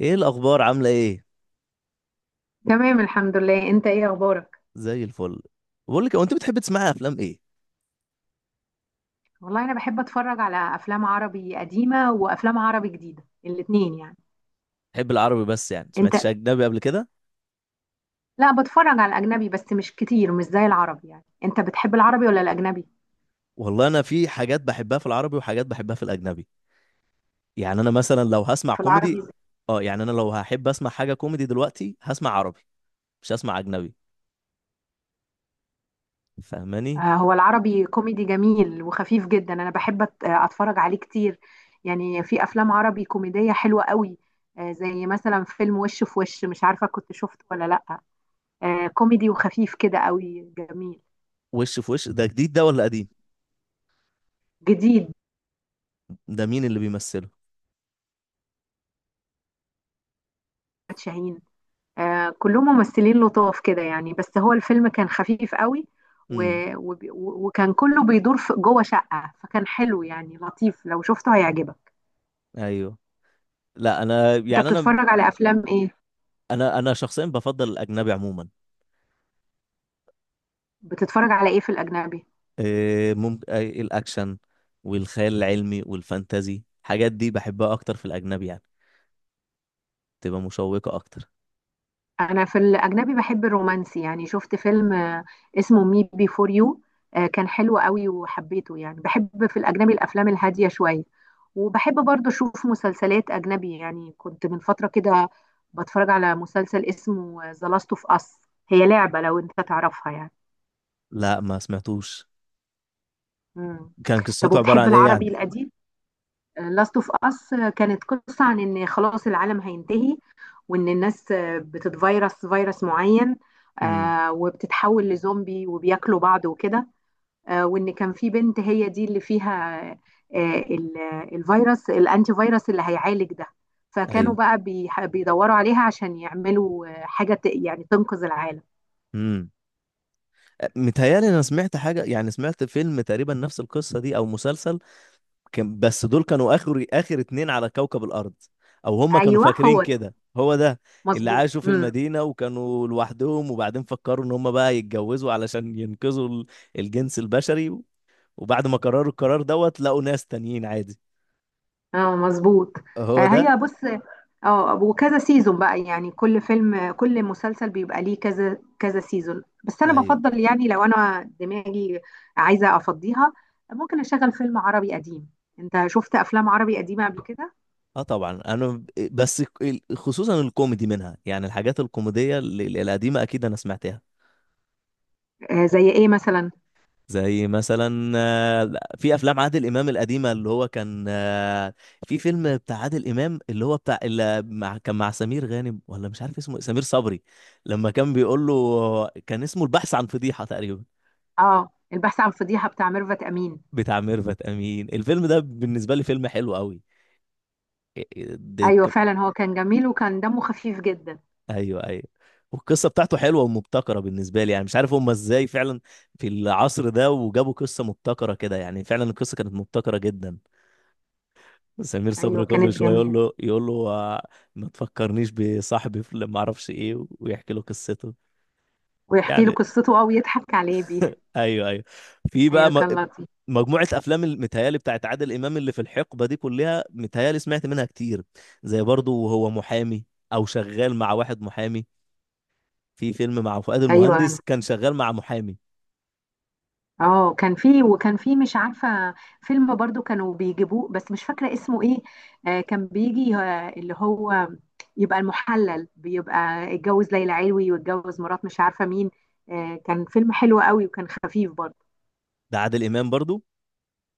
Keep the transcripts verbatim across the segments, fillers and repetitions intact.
ايه الاخبار عامله ايه؟ تمام، الحمد لله. انت ايه اخبارك؟ زي الفل. بقول لك، هو انت بتحب تسمعي افلام ايه؟ والله انا بحب اتفرج على افلام عربي قديمه وافلام عربي جديده، الاتنين يعني. بتحب العربي بس؟ يعني انت؟ سمعتش اجنبي قبل كده؟ لا، بتفرج على الاجنبي بس مش كتير، مش زي العربي يعني. انت بتحب العربي ولا الاجنبي؟ والله انا في حاجات بحبها في العربي وحاجات بحبها في الاجنبي. يعني انا مثلا لو هسمع في العربي كوميدي. زي. اه، يعني انا لو هحب اسمع حاجه كوميدي دلوقتي هسمع عربي، مش هسمع اجنبي. فاهماني؟ آه، هو العربي كوميدي جميل وخفيف جدا. انا بحب أت- اتفرج عليه كتير. يعني في افلام عربي كوميديه حلوه قوي. آه، زي مثلا فيلم وش في وش، مش عارفه كنت شفته ولا لا. آه، كوميدي وخفيف كده قوي، جميل. وش في وش ده جديد ده ولا قديم؟ جديد. ده مين اللي بيمثله؟ شاهين. آه، كلهم ممثلين لطاف كده يعني، بس هو الفيلم كان خفيف قوي. و... امم. و... وكان كله بيدور في جوه شقة، فكان حلو يعني، لطيف، لو شفته هيعجبك. ايوه. لا، انا انت يعني انا بتتفرج على افلام ايه؟ انا انا شخصيا بفضل الاجنبي عموما. بتتفرج على ايه في الاجنبي؟ ممكن الاكشن والخيال العلمي والفانتازي، الحاجات دي بحبها اكتر في الاجنبي، يعني تبقى مشوقة اكتر. انا في الاجنبي بحب الرومانسي. يعني شفت فيلم آه، اسمه مي بي فور يو. كان حلو قوي وحبيته. يعني بحب في الاجنبي الافلام الهاديه شويه. وبحب برضه اشوف مسلسلات اجنبي. يعني كنت من فتره كده بتفرج على مسلسل اسمه ذا لاست اوف اس. هي لعبه، لو انت تعرفها يعني. لا، ما سمعتوش. مم. كان طب، قصته عبارة وبتحب عن ايه يعني؟ العربي القديم؟ لاست اوف اس كانت قصة عن ان خلاص العالم هينتهي. وان الناس آه، بتتفيرس فيروس معين. امم. آه، وبتتحول لزومبي وبياكلوا بعض وكده. آه، وان كان في بنت هي دي اللي فيها. آه، ال- الفيروس الانتي فيروس اللي هيعالج ده. فكانوا ايوه. بقى بيح- بيدوروا عليها عشان يعملوا آه، حاجة ت- يعني تنقذ العالم. امم. متهيألي انا سمعت حاجة، يعني سمعت فيلم تقريبا نفس القصة دي او مسلسل. كان بس دول كانوا اخر اخر اتنين على كوكب الارض، او هم كانوا ايوه، فاكرين هو ده. كده. هو ده؟ اللي مظبوط. عاشوا في مم. المدينة وكانوا لوحدهم، وبعدين فكروا ان هم بقى يتجوزوا علشان ينقذوا ال- الجنس البشري. وبعد ما قرروا القرار دوت لقوا ناس تانيين عادي. اه، مظبوط. هو آه، ده. هي بص. اه، وكذا سيزون بقى يعني، كل فيلم كل مسلسل بيبقى ليه كذا كذا سيزون. بس انا ايوه. بفضل يعني، لو انا دماغي عايزة افضيها، ممكن اشغل فيلم عربي قديم. انت شفت افلام عربي قديمة قبل كده؟ اه طبعا، انا ب- بس ك- خصوصا الكوميدي منها، يعني الحاجات الكوميديه ال- ال- القديمه اكيد انا سمعتها. آه، زي ايه مثلا؟ زي مثلا آه، في افلام عادل امام القديمه، اللي هو كان آه، في فيلم بتاع عادل امام اللي هو بتاع اللي مع كان مع سمير غانم، ولا مش عارف اسمه إيه، سمير صبري. لما كان بيقول له، كان اسمه البحث عن فضيحه تقريبا. اه، البحث عن فضيحة بتاع ميرفت امين. بتاع ميرفت امين. الفيلم ده بالنسبه لي فيلم حلو قوي. ايوه، فعلا هو كان جميل وكان دمه خفيف جدا. ايوه ايوه. والقصه بتاعته حلوه ومبتكره بالنسبه لي، يعني مش عارف هم ازاي فعلا في العصر ده وجابوا قصه مبتكره كده، يعني فعلا القصه كانت مبتكره جدا. سمير ايوه، صبري كل كانت شويه يقول جميلة. له يقول له آه، ما تفكرنيش بصاحبي في ما اعرفش ايه، ويحكي له قصته. ويحكي له يعني قصته، او يضحك عليه بيها. ايوه ايوه. في بقى ايوه، م- كان لطيف. مجموعة أفلام المتهيالي بتاعت عادل إمام اللي في الحقبة دي، كلها متهيالي سمعت منها كتير. زي برضو وهو محامي، أو شغال مع واحد محامي. في فيلم مع فؤاد ايوه. المهندس كان شغال مع محامي. اه، كان في وكان في مش عارفة، فيلم برضو كانوا بيجيبوه بس مش فاكرة اسمه ايه. آه كان بيجي آه اللي هو، يبقى المحلل بيبقى. اتجوز ليلى علوي واتجوز مرات مش عارفة مين. آه كان فيلم حلو قوي وكان خفيف برضو. ده عادل امام برضو.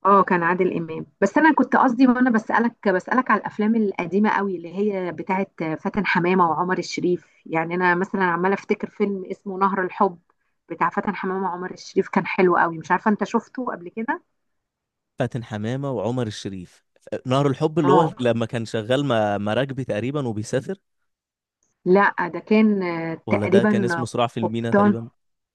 اه، كان عادل إمام. بس انا كنت قصدي وانا بسألك بسألك على الافلام القديمة قوي، اللي هي بتاعت فاتن حمامة وعمر الشريف يعني. انا مثلا عمالة افتكر فيلم اسمه نهر الحب، بتاع فاتن حمامة وعمر الشريف. كان حلو قوي، مش عارفة انت شفته قبل كده؟ فاتن حمامه وعمر الشريف. نهر الحب اللي هو اه، لما كان شغال مع مراكبي تقريبا وبيسافر؟ لا ده كان آه، ولا ده كان اسمه تقريبا. صراع في المينا قبطان. تقريبا.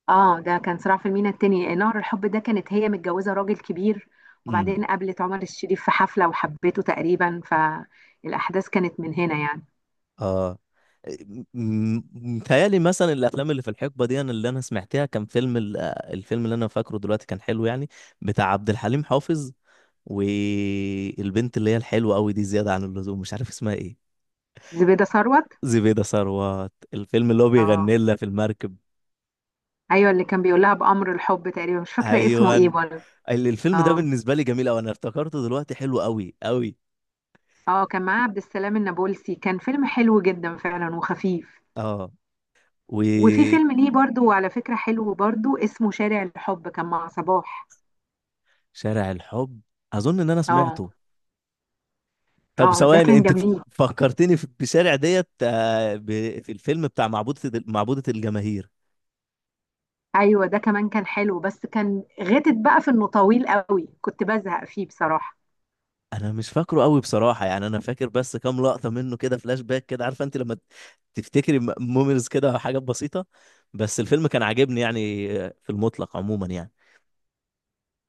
اه، ده كان صراع في المينا. التاني، نهر الحب ده، كانت هي متجوزة راجل كبير. وبعدين امم. قابلت عمر الشريف في حفلة وحبته تقريبا، فالأحداث كانت من هنا يعني. اه. م- متهيألي مثلا الافلام اللي في الحقبه دي أنا اللي انا سمعتها، كان فيلم ال- الفيلم اللي انا فاكره دلوقتي كان حلو، يعني بتاع عبد الحليم حافظ، والبنت اللي هي الحلوه قوي دي زياده عن اللزوم، مش عارف اسمها ايه. زبيدة ثروت. زبيده ثروت. الفيلم اللي هو اه. بيغني لها في المركب. ايوه، اللي كان بيقول لها بأمر الحب تقريبا، مش فاكرة اسمه ايوه. ايه ال- برضه. الفيلم ده اه. بالنسبه لي جميل قوي، انا افتكرته دلوقتي، حلو قوي قوي. اه، كان معاه عبد السلام النابلسي، كان فيلم حلو جدا فعلا وخفيف. اه. وفي وشارع فيلم ليه برضه، على فكرة، حلو برضه، اسمه شارع الحب كان مع صباح. الحب، اظن ان انا اه. سمعته. طب اه، ده ثواني كان انت ف- جميل. فكرتني في بشارع ديت، آه، ب- في الفيلم بتاع معبودة ال- معبودة الجماهير. ايوه، ده كمان كان حلو بس كان غتت بقى في انه طويل قوي، كنت بزهق فيه بصراحه. انا مش فاكره قوي بصراحه، يعني انا فاكر بس كام لقطه منه كده، فلاش باك كده، عارفه انت لما تفتكري مومنز كده، حاجات بسيطه. بس الفيلم كان عاجبني، يعني آه، في المطلق عموما يعني.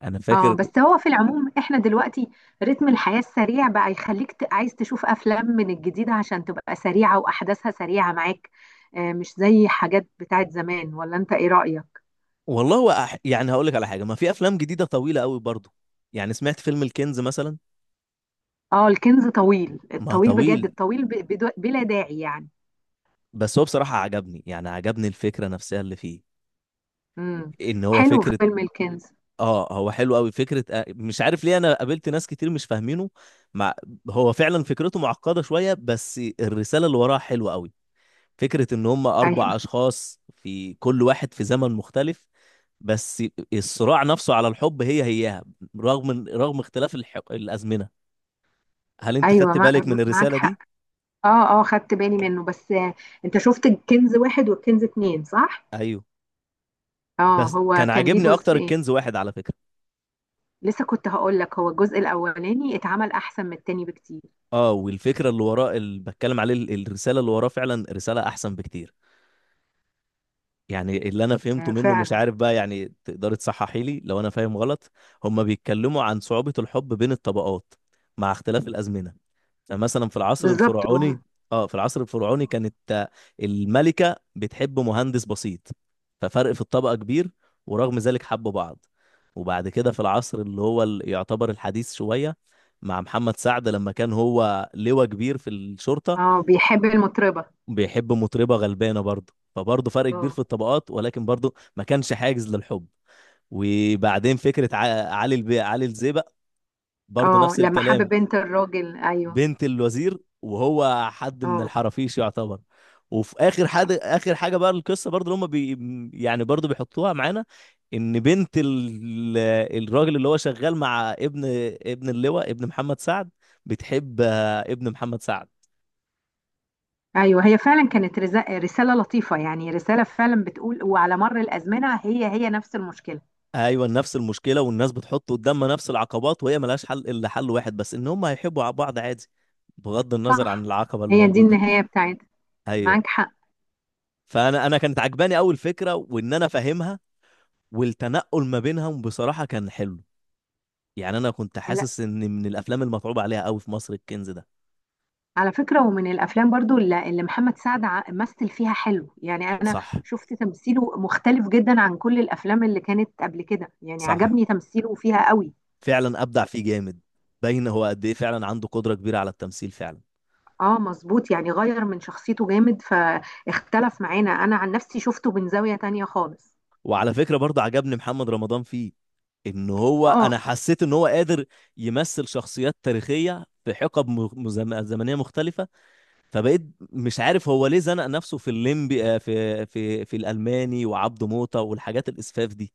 انا اه، فاكر. بس هو في العموم احنا دلوقتي رتم الحياه السريع بقى يخليك ت- عايز تشوف افلام من الجديده، عشان تبقى سريعه واحداثها سريعه معاك. آه، مش زي حاجات بتاعت زمان. ولا انت ايه رايك؟ والله هو أح... يعني هقول لك على حاجه، ما في افلام جديده طويله قوي برضو. يعني سمعت فيلم الكنز مثلا. اه، الكنز طويل، ما الطويل بجد، طويل. الطويل ب- بدو- بلا داعي يعني. بس هو بصراحه عجبني، يعني عجبني الفكره نفسها اللي فيه، امم. ان هو حلو فكره. فيلم الكنز. اه هو حلو قوي، فكره آه، مش عارف ليه انا قابلت ناس كتير مش فاهمينه. مع... هو فعلا فكرته معقده شويه، بس الرساله اللي وراها حلوه قوي. فكره ان هم ايوه، اربع اشخاص، في كل واحد في زمن مختلف. بس الصراع نفسه على الحب هي هيها، رغم رغم اختلاف الح... الازمنه. هل انت ايوه. خدت مع- بالك من معاك الرسالة دي؟ حق. اه، اه، خدت بالي منه، بس آه، انت شفت الكنز واحد والكنز اتنين، صح؟ ايوه. اه، بس هو كان كان ليه عاجبني اكتر جزئين. الكنز واحد على فكرة. لسه كنت هقول لك، هو الجزء الاولاني اتعمل احسن من التاني بكتير. اه، والفكرة اللي وراه، اللي بتكلم عليه ال- الرسالة اللي وراه، فعلا رسالة احسن بكتير. يعني اللي انا فهمته آه، منه، مش فعلا. عارف بقى، يعني تقدر تصححي لي لو انا فاهم غلط. هما بيتكلموا عن صعوبة الحب بين الطبقات مع اختلاف الازمنة. يعني مثلا في العصر بالظبط. وهم- الفرعوني. اه في العصر الفرعوني كانت آه، الملكة بتحب مهندس بسيط، ففرق في الطبقة كبير، ورغم ذلك حبوا بعض. وبعد كده في العصر اللي هو ال- يعتبر الحديث شوية، مع محمد سعد لما كان هو لواء كبير في الشرطة، اه، بيحب المطربة. بيحب مطربة غلبانة برضه، فبرضه فرق كبير اه، في الطبقات، ولكن برضه ما كانش حاجز للحب. وبعدين فكرة ع- علي البي علي الزيبق، برضه اه، نفس لما حب الكلام. بنت الراجل، ايوه. بنت الوزير وهو حد من اه، الحرافيش يعتبر. وفي اخر حد، اخر حاجه بقى القصه برضو اللي هم بي، يعني برضو بيحطوها معانا، ان بنت ال... الراجل اللي هو شغال مع ابن، ابن اللواء ابن محمد سعد، بتحب آه، ابن محمد سعد. ايوه، هي فعلا كانت رز- رسالة لطيفة يعني، رسالة فعلا بتقول وعلى مر الازمنة هي هي نفس المشكلة. ايوه نفس المشكله، والناس بتحط قدامها نفس العقبات، وهي ملهاش حل الا حل واحد بس، ان هم هيحبوا بعض عادي بغض النظر عن صح. العقبه اللي هي دي موجوده. النهاية بتاعتها. ايوه. معاك حق. فانا انا كانت عجباني اول فكره، وان انا فاهمها. والتنقل ما بينهم بصراحة كان حلو. يعني أنا كنت لا، حاسس إن من الأفلام المتعوب عليها قوي في مصر الكنز ده. على فكرة، ومن الأفلام برضو اللي اللي محمد سعد ع- مثل فيها حلو يعني. أنا صح. شفت تمثيله مختلف جدا عن كل الأفلام اللي كانت قبل كده يعني، صح، عجبني تمثيله فيها قوي. فعلا أبدع فيه جامد. باين هو قد إيه فعلا عنده قدرة كبيرة على التمثيل فعلا. اه، مظبوط، يعني غير من شخصيته جامد، فاختلف معانا. أنا عن نفسي شفته من زاوية تانية خالص. وعلى فكرة برضه عجبني محمد رمضان فيه، إن هو، اه. أنا حسيت إن هو قادر يمثل شخصيات تاريخية في حقب م- مزم- زمنية مختلفة. فبقيت مش عارف هو ليه زنق نفسه في الليمبي، آه، في في في الألماني وعبده موتة والحاجات الإسفاف دي،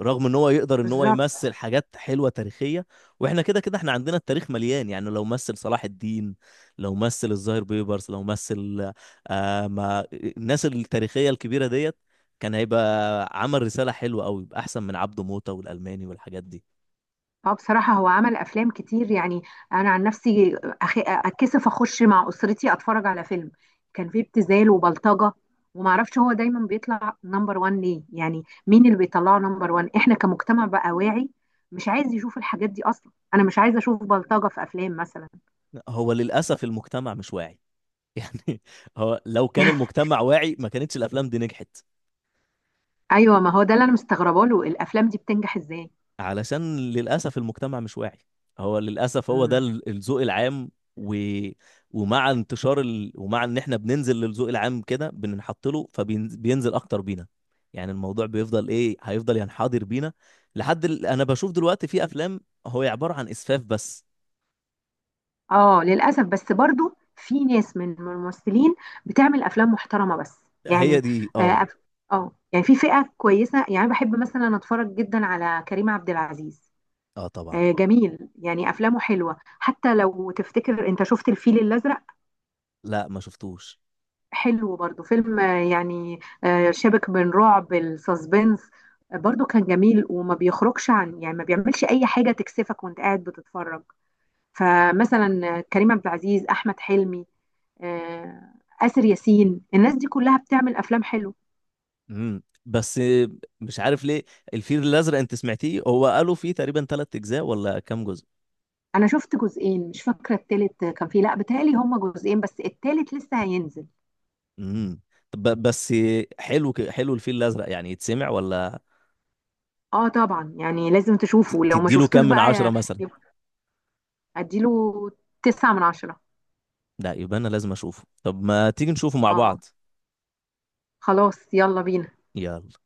رغم ان هو يقدر ان هو بالظبط. يمثل حاجات حلوه تاريخيه. واحنا كده كده احنا عندنا التاريخ مليان، يعني لو مثل صلاح الدين، لو مثل الظاهر بيبرس، لو مثل آه ما الناس التاريخيه الكبيره ديت، كان هيبقى عمل رساله حلوه قوي، يبقى احسن من عبده موته والالماني والحاجات دي. اه، بصراحة هو عمل أفلام كتير يعني. أنا عن نفسي أخ- أتكسف أخش مع أسرتي أتفرج على فيلم كان فيه ابتذال وبلطجة. ومعرفش هو دايما بيطلع نمبر وان ليه يعني، مين اللي بيطلعه نمبر وان؟ إحنا كمجتمع بقى واعي، مش عايز يشوف الحاجات دي أصلا. أنا مش عايزة أشوف بلطجة في أفلام مثلا. هو للاسف المجتمع مش واعي يعني هو لو كان المجتمع واعي ما كانتش الافلام دي نجحت. أيوة، ما هو ده اللي أنا مستغربة له، الأفلام دي بتنجح إزاي؟ علشان للأسف المجتمع مش واعي. هو للأسف هو ده مم. ال- الذوق العام. و... ومع انتشار ال... ومع ان احنا بننزل للذوق العام كده بننحط له، فبينزل اكتر بينا. يعني الموضوع بيفضل ايه، هيفضل ينحدر بينا لحد ال... انا بشوف دلوقتي في افلام هو عبارة عن اسفاف بس. اه، للاسف. بس برضو في ناس من من الممثلين بتعمل افلام محترمه بس هي يعني. دي اه. اه، أف- آه، يعني في فئه كويسه يعني. بحب مثلا اتفرج جدا على كريم عبد العزيز. اه طبعا. آه جميل يعني، افلامه حلوه. حتى لو تفتكر، انت شفت الفيل الازرق؟ لا، ما شفتوش. حلو برضو فيلم، آه، يعني آه شبك بين رعب السسبنس. آه، برضو كان جميل وما بيخرجش عن يعني ما بيعملش اي حاجه تكسفك وانت قاعد بتتفرج. فمثلا آه، كريم عبد العزيز، احمد حلمي، آه، آسر ياسين. الناس دي كلها بتعمل افلام حلو. امم. بس مش عارف ليه. الفيل الازرق انت سمعتيه؟ هو قالوا فيه تقريبا ثلاث اجزاء ولا كام جزء؟ انا شفت جزئين، مش فاكره التالت كان فيه، لا بتهيألي هما جزئين بس التالت لسه هينزل. امم. طب بس، حلو ك- حلو الفيل الازرق يعني، يتسمع ولا؟ اه، طبعا يعني لازم ت- تشوفه لو ما تديله شفتوش كام من عشرة بقى. مثلا؟ يبقى اديله تسعة من عشرة. لا يبقى انا لازم اشوفه. طب ما تيجي نشوفه مع اه، بعض؟ خلاص، يلا بينا. يلا.